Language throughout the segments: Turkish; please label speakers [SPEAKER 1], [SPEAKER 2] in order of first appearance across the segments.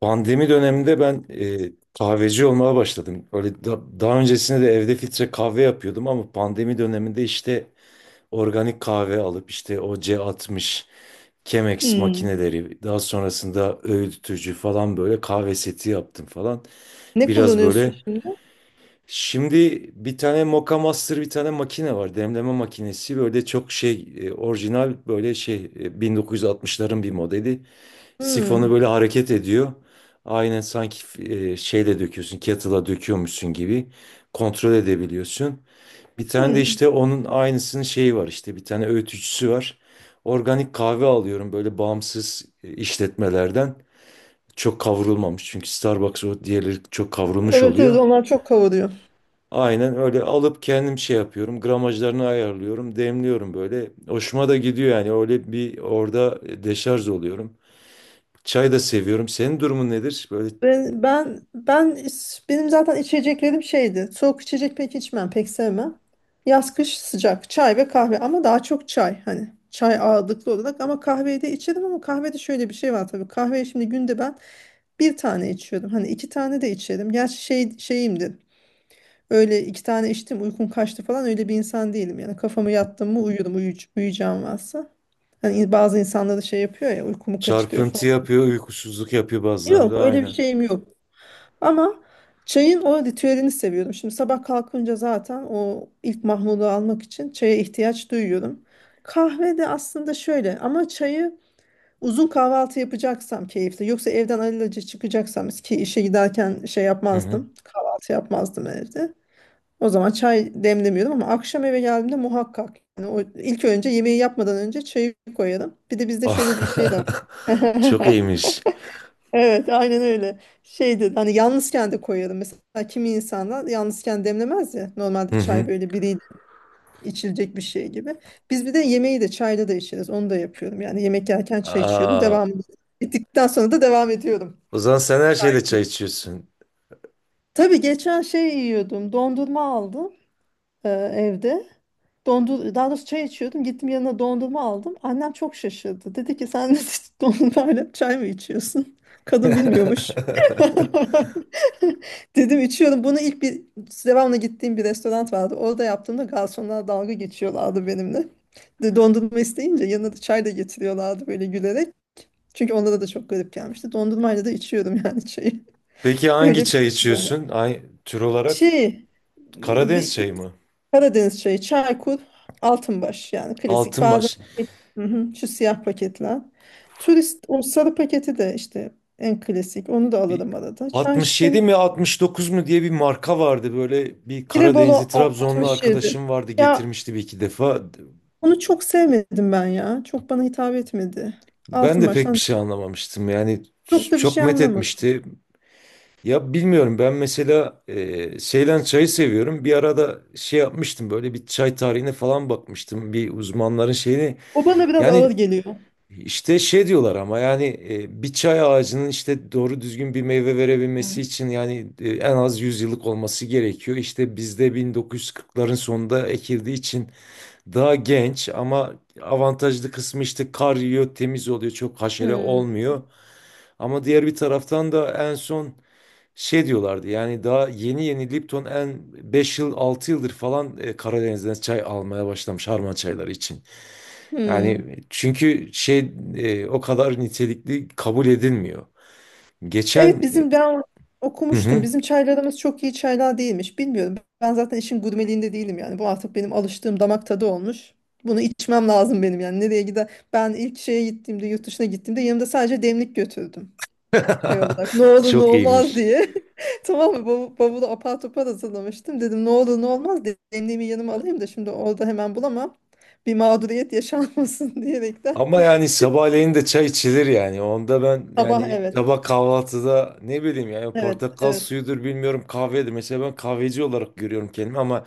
[SPEAKER 1] Pandemi döneminde ben kahveci olmaya başladım. Öyle daha öncesinde de evde filtre kahve yapıyordum ama pandemi döneminde işte organik kahve alıp işte o C60 Chemex
[SPEAKER 2] Hmm.
[SPEAKER 1] makineleri, daha sonrasında öğütücü falan, böyle kahve seti yaptım falan.
[SPEAKER 2] Ne
[SPEAKER 1] Biraz
[SPEAKER 2] kullanıyorsun
[SPEAKER 1] böyle,
[SPEAKER 2] şimdi?
[SPEAKER 1] şimdi bir tane Moka Master, bir tane makine var, demleme makinesi. Böyle çok şey, orijinal, böyle şey, 1960'ların bir modeli. Sifonu
[SPEAKER 2] Hmm.
[SPEAKER 1] böyle hareket ediyor. Aynen, sanki şeyle döküyorsun, kettle'a döküyormuşsun gibi kontrol edebiliyorsun. Bir tane de
[SPEAKER 2] Hmm.
[SPEAKER 1] işte onun aynısının şeyi var, işte bir tane öğütücüsü var. Organik kahve alıyorum, böyle bağımsız işletmelerden. Çok kavrulmamış, çünkü Starbucks, o diğerleri çok kavrulmuş
[SPEAKER 2] Evet evet
[SPEAKER 1] oluyor.
[SPEAKER 2] onlar çok kavuruyor.
[SPEAKER 1] Aynen öyle alıp kendim şey yapıyorum. Gramajlarını ayarlıyorum, demliyorum böyle. Hoşuma da gidiyor yani, öyle bir orada deşarj oluyorum. Çay da seviyorum. Senin durumun nedir? Böyle.
[SPEAKER 2] Ben benim zaten içeceklerim şeydi. Soğuk içecek pek içmem, pek sevmem. Yaz kış sıcak çay ve kahve ama daha çok çay hani çay ağırlıklı olarak ama kahveyi de içerim ama kahvede şöyle bir şey var tabii. Kahveyi şimdi günde ben bir tane içiyorum. Hani iki tane de içerim. Gerçi şey, şeyimdir. Öyle iki tane içtim uykum kaçtı falan öyle bir insan değilim. Yani kafamı yattım mı uyurum uyuyacağım varsa. Hani bazı insanlar da şey yapıyor ya uykumu kaçırıyor
[SPEAKER 1] Çarpıntı
[SPEAKER 2] falan.
[SPEAKER 1] yapıyor, uykusuzluk yapıyor
[SPEAKER 2] Yok
[SPEAKER 1] bazılarında,
[SPEAKER 2] öyle bir
[SPEAKER 1] aynen.
[SPEAKER 2] şeyim yok. Ama çayın o ritüelini seviyorum. Şimdi sabah kalkınca zaten o ilk mahmudu almak için çaya ihtiyaç duyuyorum. Kahve de aslında şöyle ama çayı uzun kahvaltı yapacaksam keyifli. Yoksa evden alelacele çıkacaksam ki işe giderken şey
[SPEAKER 1] Hı hı.
[SPEAKER 2] yapmazdım. Kahvaltı yapmazdım evde. O zaman çay demlemiyordum ama akşam eve geldiğimde muhakkak. Yani o ilk önce yemeği yapmadan önce çayı koyarım. Bir de bizde şöyle bir şey de var.
[SPEAKER 1] Çok iyiymiş.
[SPEAKER 2] Evet, aynen öyle. Şeydi hani yalnızken de koyarım. Mesela kimi insanlar yalnızken demlemez ya. Normalde
[SPEAKER 1] Hı
[SPEAKER 2] çay
[SPEAKER 1] hı.
[SPEAKER 2] böyle biriyle içilecek bir şey gibi. Biz bir de yemeği de çayla da içeriz. Onu da yapıyorum. Yani yemek yerken çay içiyorum.
[SPEAKER 1] Aa,
[SPEAKER 2] Devam ettikten sonra da devam ediyorum.
[SPEAKER 1] o zaman sen her şeyle çay içiyorsun.
[SPEAKER 2] Tabii geçen şey yiyordum. Dondurma aldım evde. Dondur daha doğrusu çay içiyordum. Gittim yanına dondurma aldım. Annem çok şaşırdı. Dedi ki sen dedi, dondurmayla çay mı içiyorsun? Kadın bilmiyormuş. Dedim içiyorum. Bunu ilk bir devamlı gittiğim bir restoran vardı. Orada yaptığımda garsonlar dalga geçiyorlardı benimle. Dondurma isteyince yanına da çay da getiriyorlardı böyle gülerek. Çünkü onlara da çok garip gelmişti. Dondurmayla da içiyorum yani çayı.
[SPEAKER 1] Peki hangi
[SPEAKER 2] Öyle bir
[SPEAKER 1] çay
[SPEAKER 2] şey.
[SPEAKER 1] içiyorsun? Ay, tür olarak
[SPEAKER 2] Şey,
[SPEAKER 1] Karadeniz
[SPEAKER 2] bir,
[SPEAKER 1] çayı mı?
[SPEAKER 2] Karadeniz çayı, Çaykur, Altınbaş yani klasik. Bazen
[SPEAKER 1] Altınbaş.
[SPEAKER 2] hı hı, şu siyah paketler. Turist o sarı paketi de işte en klasik. Onu da
[SPEAKER 1] Bir
[SPEAKER 2] alırım arada. Çay çiçeğini.
[SPEAKER 1] 67 mi 69 mu diye bir marka vardı. Böyle bir Karadenizli,
[SPEAKER 2] Tirebolo
[SPEAKER 1] Trabzonlu
[SPEAKER 2] 67.
[SPEAKER 1] arkadaşım vardı,
[SPEAKER 2] Ya
[SPEAKER 1] getirmişti bir iki defa.
[SPEAKER 2] onu çok sevmedim ben ya. Çok bana hitap etmedi.
[SPEAKER 1] Ben
[SPEAKER 2] Altın
[SPEAKER 1] de pek bir
[SPEAKER 2] baştan
[SPEAKER 1] şey anlamamıştım. Yani
[SPEAKER 2] çok da bir
[SPEAKER 1] çok
[SPEAKER 2] şey
[SPEAKER 1] met
[SPEAKER 2] anlamadım.
[SPEAKER 1] etmişti. Ya bilmiyorum, ben mesela Seylan çayı seviyorum. Bir arada şey yapmıştım, böyle bir çay tarihine falan bakmıştım. Bir uzmanların şeyini,
[SPEAKER 2] O bana biraz
[SPEAKER 1] yani
[SPEAKER 2] ağır geliyor.
[SPEAKER 1] işte şey diyorlar ama, yani bir çay ağacının işte doğru düzgün bir meyve verebilmesi için, yani en az 100 yıllık olması gerekiyor. İşte bizde 1940'ların sonunda ekildiği için daha genç, ama avantajlı kısmı, işte kar yiyor, temiz oluyor, çok haşere
[SPEAKER 2] Hmm.
[SPEAKER 1] olmuyor. Ama diğer bir taraftan da en son şey diyorlardı, yani daha yeni yeni Lipton en 5 yıl 6 yıldır falan Karadeniz'den çay almaya başlamış harman çayları için.
[SPEAKER 2] Hmm.
[SPEAKER 1] Yani çünkü şey, o kadar nitelikli kabul edilmiyor.
[SPEAKER 2] Evet
[SPEAKER 1] Geçen,
[SPEAKER 2] bizim ben
[SPEAKER 1] hı
[SPEAKER 2] okumuştum.
[SPEAKER 1] hı.
[SPEAKER 2] Bizim çaylarımız çok iyi çaylar değilmiş. Bilmiyorum. Ben zaten işin gurmeliğinde değilim yani. Bu artık benim alıştığım damak tadı olmuş. Bunu içmem lazım benim yani. Nereye gider? Ben ilk şeye gittiğimde, yurt dışına gittiğimde yanımda sadece demlik götürdüm. Şey olarak ne olur ne
[SPEAKER 1] Çok
[SPEAKER 2] olmaz
[SPEAKER 1] iyiymiş.
[SPEAKER 2] diye. Tamam mı? Bavulu apar topar hazırlamıştım. Dedim ne olur ne olmaz demliğimi yanıma alayım da şimdi orada hemen bulamam. Bir mağduriyet yaşanmasın diyerekten.
[SPEAKER 1] Ama yani sabahleyin de çay içilir yani. Onda ben
[SPEAKER 2] Sabah
[SPEAKER 1] yani,
[SPEAKER 2] evet.
[SPEAKER 1] sabah kahvaltıda ne bileyim yani,
[SPEAKER 2] Evet.
[SPEAKER 1] portakal
[SPEAKER 2] Evet.
[SPEAKER 1] suyudur, bilmiyorum, kahvedir. Mesela ben kahveci olarak görüyorum kendimi, ama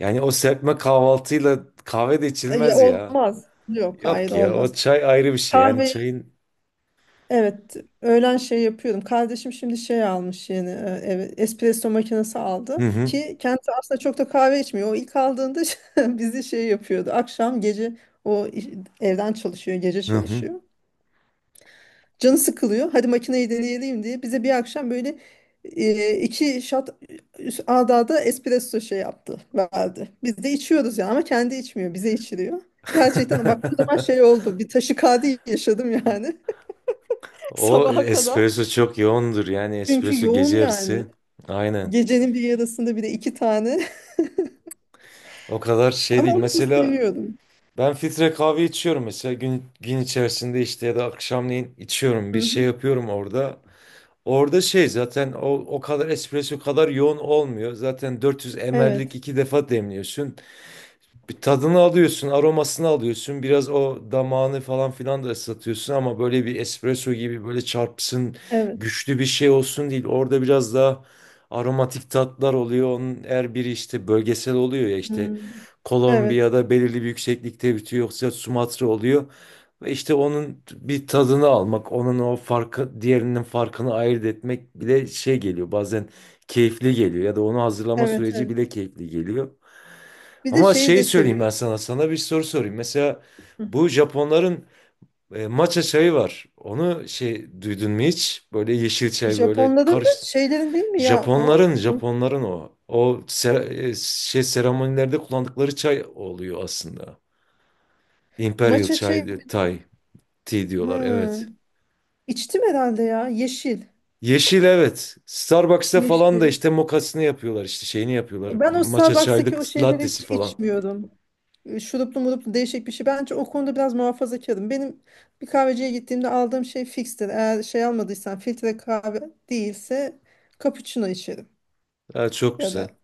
[SPEAKER 1] yani o serpme kahvaltıyla kahve de
[SPEAKER 2] Ya,
[SPEAKER 1] içilmez ya.
[SPEAKER 2] olmaz. Yok hayır
[SPEAKER 1] Yok ya,
[SPEAKER 2] olmaz.
[SPEAKER 1] o çay ayrı bir şey. Yani
[SPEAKER 2] Kahve
[SPEAKER 1] çayın.
[SPEAKER 2] evet öğlen şey yapıyordum. Kardeşim şimdi şey almış yeni eve espresso makinesi
[SPEAKER 1] Hı
[SPEAKER 2] aldı
[SPEAKER 1] hı,
[SPEAKER 2] ki kendisi aslında çok da kahve içmiyor. O ilk aldığında bizi şey yapıyordu. Akşam gece o iş- evden çalışıyor, gece
[SPEAKER 1] hı hı.
[SPEAKER 2] çalışıyor. Canı sıkılıyor. Hadi makineyi deneyelim diye bize bir akşam böyle iki shot ard arda espresso şey yaptı, verdi. Biz de içiyoruz yani ama kendi içmiyor, bize içiriyor. Gerçekten bak o zaman şey oldu. Bir taşikardi yaşadım yani.
[SPEAKER 1] O
[SPEAKER 2] Sabaha kadar.
[SPEAKER 1] espresso çok yoğundur, yani
[SPEAKER 2] Çünkü
[SPEAKER 1] espresso
[SPEAKER 2] yoğun
[SPEAKER 1] gece yarısı.
[SPEAKER 2] yani.
[SPEAKER 1] Aynen.
[SPEAKER 2] Gecenin bir yarısında bir de iki tane.
[SPEAKER 1] O kadar şey
[SPEAKER 2] Ama
[SPEAKER 1] değil.
[SPEAKER 2] onu da
[SPEAKER 1] Mesela
[SPEAKER 2] seviyordum.
[SPEAKER 1] ben filtre kahve içiyorum, mesela gün, gün içerisinde, işte ya da akşamleyin içiyorum,
[SPEAKER 2] Hı
[SPEAKER 1] bir şey
[SPEAKER 2] hı.
[SPEAKER 1] yapıyorum orada. Orada şey zaten, o kadar espresso kadar yoğun olmuyor. Zaten 400 ml'lik
[SPEAKER 2] Evet.
[SPEAKER 1] iki defa demliyorsun. Bir tadını alıyorsun, aromasını alıyorsun. Biraz o damağını falan filan da ıslatıyorsun, ama böyle bir espresso gibi böyle çarpsın,
[SPEAKER 2] Evet.
[SPEAKER 1] güçlü bir şey olsun değil. Orada biraz daha aromatik tatlar oluyor. Onun her biri işte bölgesel oluyor ya, işte
[SPEAKER 2] Hmm. Evet.
[SPEAKER 1] Kolombiya'da belirli bir yükseklikte bitiyor, yoksa Sumatra oluyor. Ve işte onun bir tadını almak, onun o farkı, diğerinin farkını ayırt etmek bile şey geliyor. Bazen keyifli geliyor, ya da onu hazırlama
[SPEAKER 2] Evet.
[SPEAKER 1] süreci
[SPEAKER 2] Evet.
[SPEAKER 1] bile keyifli geliyor.
[SPEAKER 2] Bir de
[SPEAKER 1] Ama
[SPEAKER 2] şeyi
[SPEAKER 1] şey
[SPEAKER 2] de
[SPEAKER 1] söyleyeyim
[SPEAKER 2] seviyorum.
[SPEAKER 1] ben sana. Sana bir soru sorayım. Mesela
[SPEAKER 2] Hı.
[SPEAKER 1] bu Japonların matcha çayı var. Onu şey, duydun mu hiç? Böyle yeşil çay, böyle
[SPEAKER 2] Japonların da
[SPEAKER 1] karış.
[SPEAKER 2] şeylerin değil mi ya o?
[SPEAKER 1] Japonların
[SPEAKER 2] Ne?
[SPEAKER 1] Japonların o. O şey seremonilerde kullandıkları çay oluyor aslında. Imperial
[SPEAKER 2] Matcha çayı.
[SPEAKER 1] çay, Thai tea diyorlar.
[SPEAKER 2] Hı.
[SPEAKER 1] Evet.
[SPEAKER 2] İçtim herhalde ya. Yeşil.
[SPEAKER 1] Yeşil, evet. Starbucks'ta falan da
[SPEAKER 2] Yeşil.
[SPEAKER 1] işte mokasını yapıyorlar, işte şeyini yapıyorlar.
[SPEAKER 2] Ben o
[SPEAKER 1] Matcha
[SPEAKER 2] Starbucks'taki
[SPEAKER 1] çaylık
[SPEAKER 2] o şeyleri
[SPEAKER 1] lattesi
[SPEAKER 2] hiç
[SPEAKER 1] falan.
[SPEAKER 2] içmiyordum. Şuruplu muruplu değişik bir şey. Bence o konuda biraz muhafazakarım. Benim bir kahveciye gittiğimde aldığım şey fikstir. Eğer şey almadıysam filtre kahve değilse cappuccino içerim.
[SPEAKER 1] Ha, çok
[SPEAKER 2] Ya
[SPEAKER 1] güzel.
[SPEAKER 2] da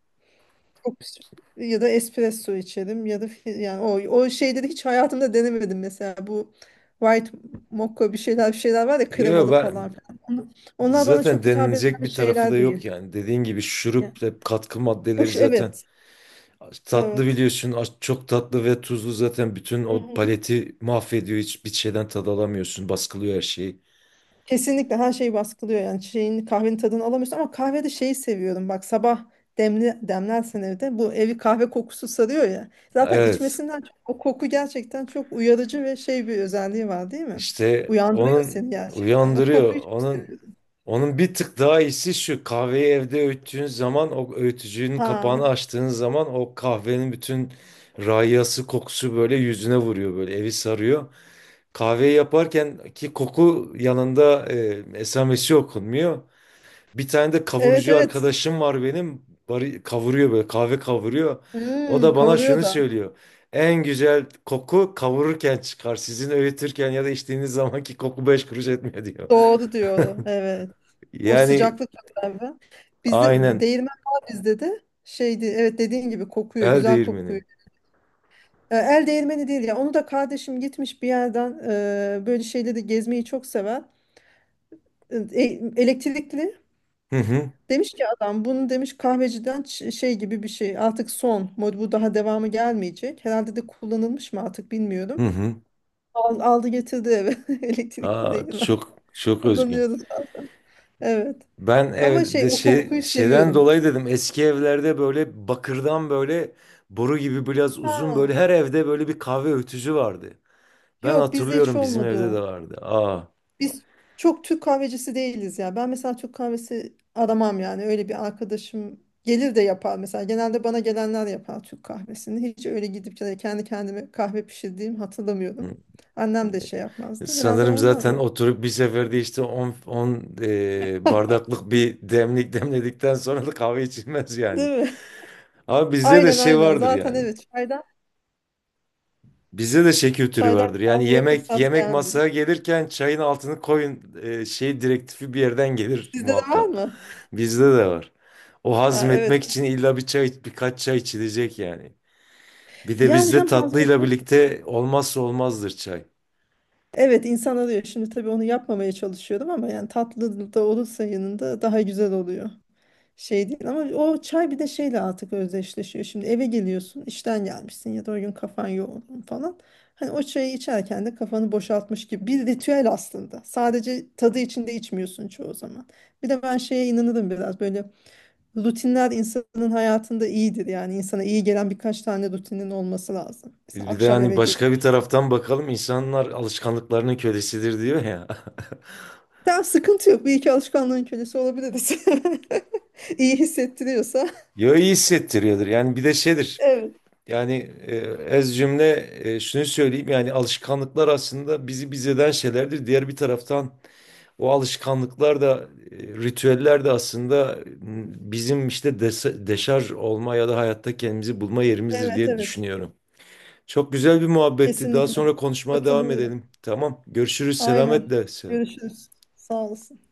[SPEAKER 2] çok- pis- ya da espresso içerim ya da yani o şeyleri hiç hayatımda denemedim mesela bu white mocha bir şeyler bir şeyler var ya
[SPEAKER 1] Yo,
[SPEAKER 2] kremalı
[SPEAKER 1] ben.
[SPEAKER 2] falan filan. Onlar bana
[SPEAKER 1] Zaten
[SPEAKER 2] çok hitap
[SPEAKER 1] denilecek
[SPEAKER 2] eden
[SPEAKER 1] bir tarafı da
[SPEAKER 2] şeyler
[SPEAKER 1] yok
[SPEAKER 2] değil.
[SPEAKER 1] yani. Dediğin gibi
[SPEAKER 2] Yani,
[SPEAKER 1] şurup ve katkı maddeleri
[SPEAKER 2] hoş
[SPEAKER 1] zaten
[SPEAKER 2] evet.
[SPEAKER 1] tatlı,
[SPEAKER 2] Evet.
[SPEAKER 1] biliyorsun. Çok tatlı ve tuzlu, zaten bütün o paleti mahvediyor. Hiçbir şeyden tad alamıyorsun. Baskılıyor her şeyi.
[SPEAKER 2] Kesinlikle her şey baskılıyor yani şeyin kahvenin tadını alamıyorsun ama kahvede şeyi seviyorum bak sabah demli demlersen evde bu evi kahve kokusu sarıyor ya zaten
[SPEAKER 1] Evet.
[SPEAKER 2] içmesinden çok, o koku gerçekten çok uyarıcı ve şey bir özelliği var değil mi?
[SPEAKER 1] İşte
[SPEAKER 2] Uyandırıyor
[SPEAKER 1] onun,
[SPEAKER 2] seni gerçekten o
[SPEAKER 1] uyandırıyor.
[SPEAKER 2] kokuyu çok
[SPEAKER 1] Onun
[SPEAKER 2] seviyorum.
[SPEAKER 1] onun bir tık daha iyisi şu. Kahveyi evde öğüttüğün zaman, o öğütücünün
[SPEAKER 2] Ha
[SPEAKER 1] kapağını açtığın zaman, o kahvenin bütün rayası, kokusu böyle yüzüne vuruyor, böyle evi sarıyor. Kahveyi yaparken ki koku yanında esamesi okunmuyor. Bir tane de
[SPEAKER 2] evet
[SPEAKER 1] kavurucu
[SPEAKER 2] evet
[SPEAKER 1] arkadaşım var benim. Bari, kavuruyor, böyle kahve kavuruyor. O
[SPEAKER 2] hmm,
[SPEAKER 1] da bana
[SPEAKER 2] kavuruyor
[SPEAKER 1] şunu
[SPEAKER 2] da
[SPEAKER 1] söylüyor. En güzel koku kavururken çıkar. Sizin öğütürken ya da içtiğiniz zamanki koku beş kuruş etmiyor diyor.
[SPEAKER 2] doğru diyor evet o
[SPEAKER 1] Yani
[SPEAKER 2] sıcaklık beraber bizde
[SPEAKER 1] aynen,
[SPEAKER 2] değirmen var bizde de şeydi evet dediğin gibi kokuyor
[SPEAKER 1] el
[SPEAKER 2] güzel kokuyor.
[SPEAKER 1] değirmeni.
[SPEAKER 2] El değirmeni değil ya. Onu da kardeşim gitmiş bir yerden böyle şeyleri gezmeyi çok sever. E, elektrikli.
[SPEAKER 1] Hı hı,
[SPEAKER 2] Demiş ki adam bunu demiş kahveciden şey gibi bir şey. Artık son mod bu daha devamı gelmeyecek. Herhalde de kullanılmış mı artık
[SPEAKER 1] hı
[SPEAKER 2] bilmiyorum.
[SPEAKER 1] hı.
[SPEAKER 2] Aldı getirdi eve. Elektrikli
[SPEAKER 1] Aa,
[SPEAKER 2] değil mi?
[SPEAKER 1] çok çok özgün.
[SPEAKER 2] Kullanıyoruz bazen. Evet.
[SPEAKER 1] Ben
[SPEAKER 2] Ama şey
[SPEAKER 1] evde
[SPEAKER 2] o
[SPEAKER 1] şey,
[SPEAKER 2] kokuyu
[SPEAKER 1] şeyden
[SPEAKER 2] seviyorum.
[SPEAKER 1] dolayı dedim, eski evlerde böyle bakırdan, böyle boru gibi biraz uzun,
[SPEAKER 2] Ha.
[SPEAKER 1] böyle her evde böyle bir kahve ötücü vardı. Ben
[SPEAKER 2] Yok bizde hiç
[SPEAKER 1] hatırlıyorum bizim
[SPEAKER 2] olmadı
[SPEAKER 1] evde de
[SPEAKER 2] o.
[SPEAKER 1] vardı. Aa.
[SPEAKER 2] Biz çok Türk kahvecisi değiliz ya. Ben mesela Türk kahvesi aramam yani. Öyle bir arkadaşım gelir de yapar mesela. Genelde bana gelenler yapar Türk kahvesini. Hiç öyle gidip de kendi kendime kahve pişirdiğim hatırlamıyorum.
[SPEAKER 1] Hı.
[SPEAKER 2] Annem de şey yapmazdı. Herhalde
[SPEAKER 1] Sanırım
[SPEAKER 2] ondan
[SPEAKER 1] zaten
[SPEAKER 2] öyle.
[SPEAKER 1] oturup bir seferde işte 10 bardaklık bir demlik demledikten sonra da kahve içilmez yani.
[SPEAKER 2] Değil mi?
[SPEAKER 1] Ama bizde de
[SPEAKER 2] Aynen
[SPEAKER 1] şey
[SPEAKER 2] aynen.
[SPEAKER 1] vardır
[SPEAKER 2] Zaten
[SPEAKER 1] yani.
[SPEAKER 2] evet çaydan
[SPEAKER 1] Bizde de şey kültürü vardır. Yani
[SPEAKER 2] kahveye
[SPEAKER 1] yemek,
[SPEAKER 2] fırsat
[SPEAKER 1] yemek
[SPEAKER 2] gelmiyor.
[SPEAKER 1] masaya gelirken çayın altını koyun şey direktifi, bir yerden gelir
[SPEAKER 2] Sizde de var
[SPEAKER 1] muhakkak.
[SPEAKER 2] mı?
[SPEAKER 1] Bizde de var. O,
[SPEAKER 2] Ha, evet.
[SPEAKER 1] hazmetmek için illa bir çay, birkaç çay içilecek yani. Bir de
[SPEAKER 2] Yani
[SPEAKER 1] bizde
[SPEAKER 2] hem
[SPEAKER 1] tatlıyla
[SPEAKER 2] hazmetmek için.
[SPEAKER 1] birlikte olmazsa olmazdır çay.
[SPEAKER 2] Evet insan arıyor. Şimdi tabii onu yapmamaya çalışıyorum ama yani tatlı da olursa yanında daha güzel oluyor. Şey değil ama o çay bir de şeyle artık özdeşleşiyor. Şimdi eve geliyorsun, işten gelmişsin ya da o gün kafan yoğun falan. Hani o çayı içerken de kafanı boşaltmış gibi bir ritüel aslında. Sadece tadı için de içmiyorsun çoğu zaman. Bir de ben şeye inanırım biraz böyle rutinler insanın hayatında iyidir. Yani insana iyi gelen birkaç tane rutinin olması lazım. Mesela
[SPEAKER 1] Bir de
[SPEAKER 2] akşam
[SPEAKER 1] hani,
[SPEAKER 2] eve gelip
[SPEAKER 1] başka bir
[SPEAKER 2] işte.
[SPEAKER 1] taraftan bakalım, insanlar alışkanlıklarının kölesidir diyor ya.
[SPEAKER 2] Tamam sıkıntı yok. Bir iki alışkanlığın kölesi olabiliriz. İyi hissettiriyorsa.
[SPEAKER 1] Yo, iyi hissettiriyordur. Yani bir de şeydir.
[SPEAKER 2] Evet.
[SPEAKER 1] Yani e, ez cümle, şunu söyleyeyim, yani alışkanlıklar aslında bizi biz eden şeylerdir. Diğer bir taraftan, o alışkanlıklar da, ritüeller de aslında, bizim işte deşarj olma ya da hayatta kendimizi bulma yerimizdir
[SPEAKER 2] Evet
[SPEAKER 1] diye
[SPEAKER 2] evet.
[SPEAKER 1] düşünüyorum. Çok güzel bir muhabbetti. Daha
[SPEAKER 2] Kesinlikle.
[SPEAKER 1] sonra konuşmaya devam
[SPEAKER 2] Katılıyorum.
[SPEAKER 1] edelim. Tamam. Görüşürüz.
[SPEAKER 2] Aynen.
[SPEAKER 1] Selametle.
[SPEAKER 2] Görüşürüz. Sağ olasın.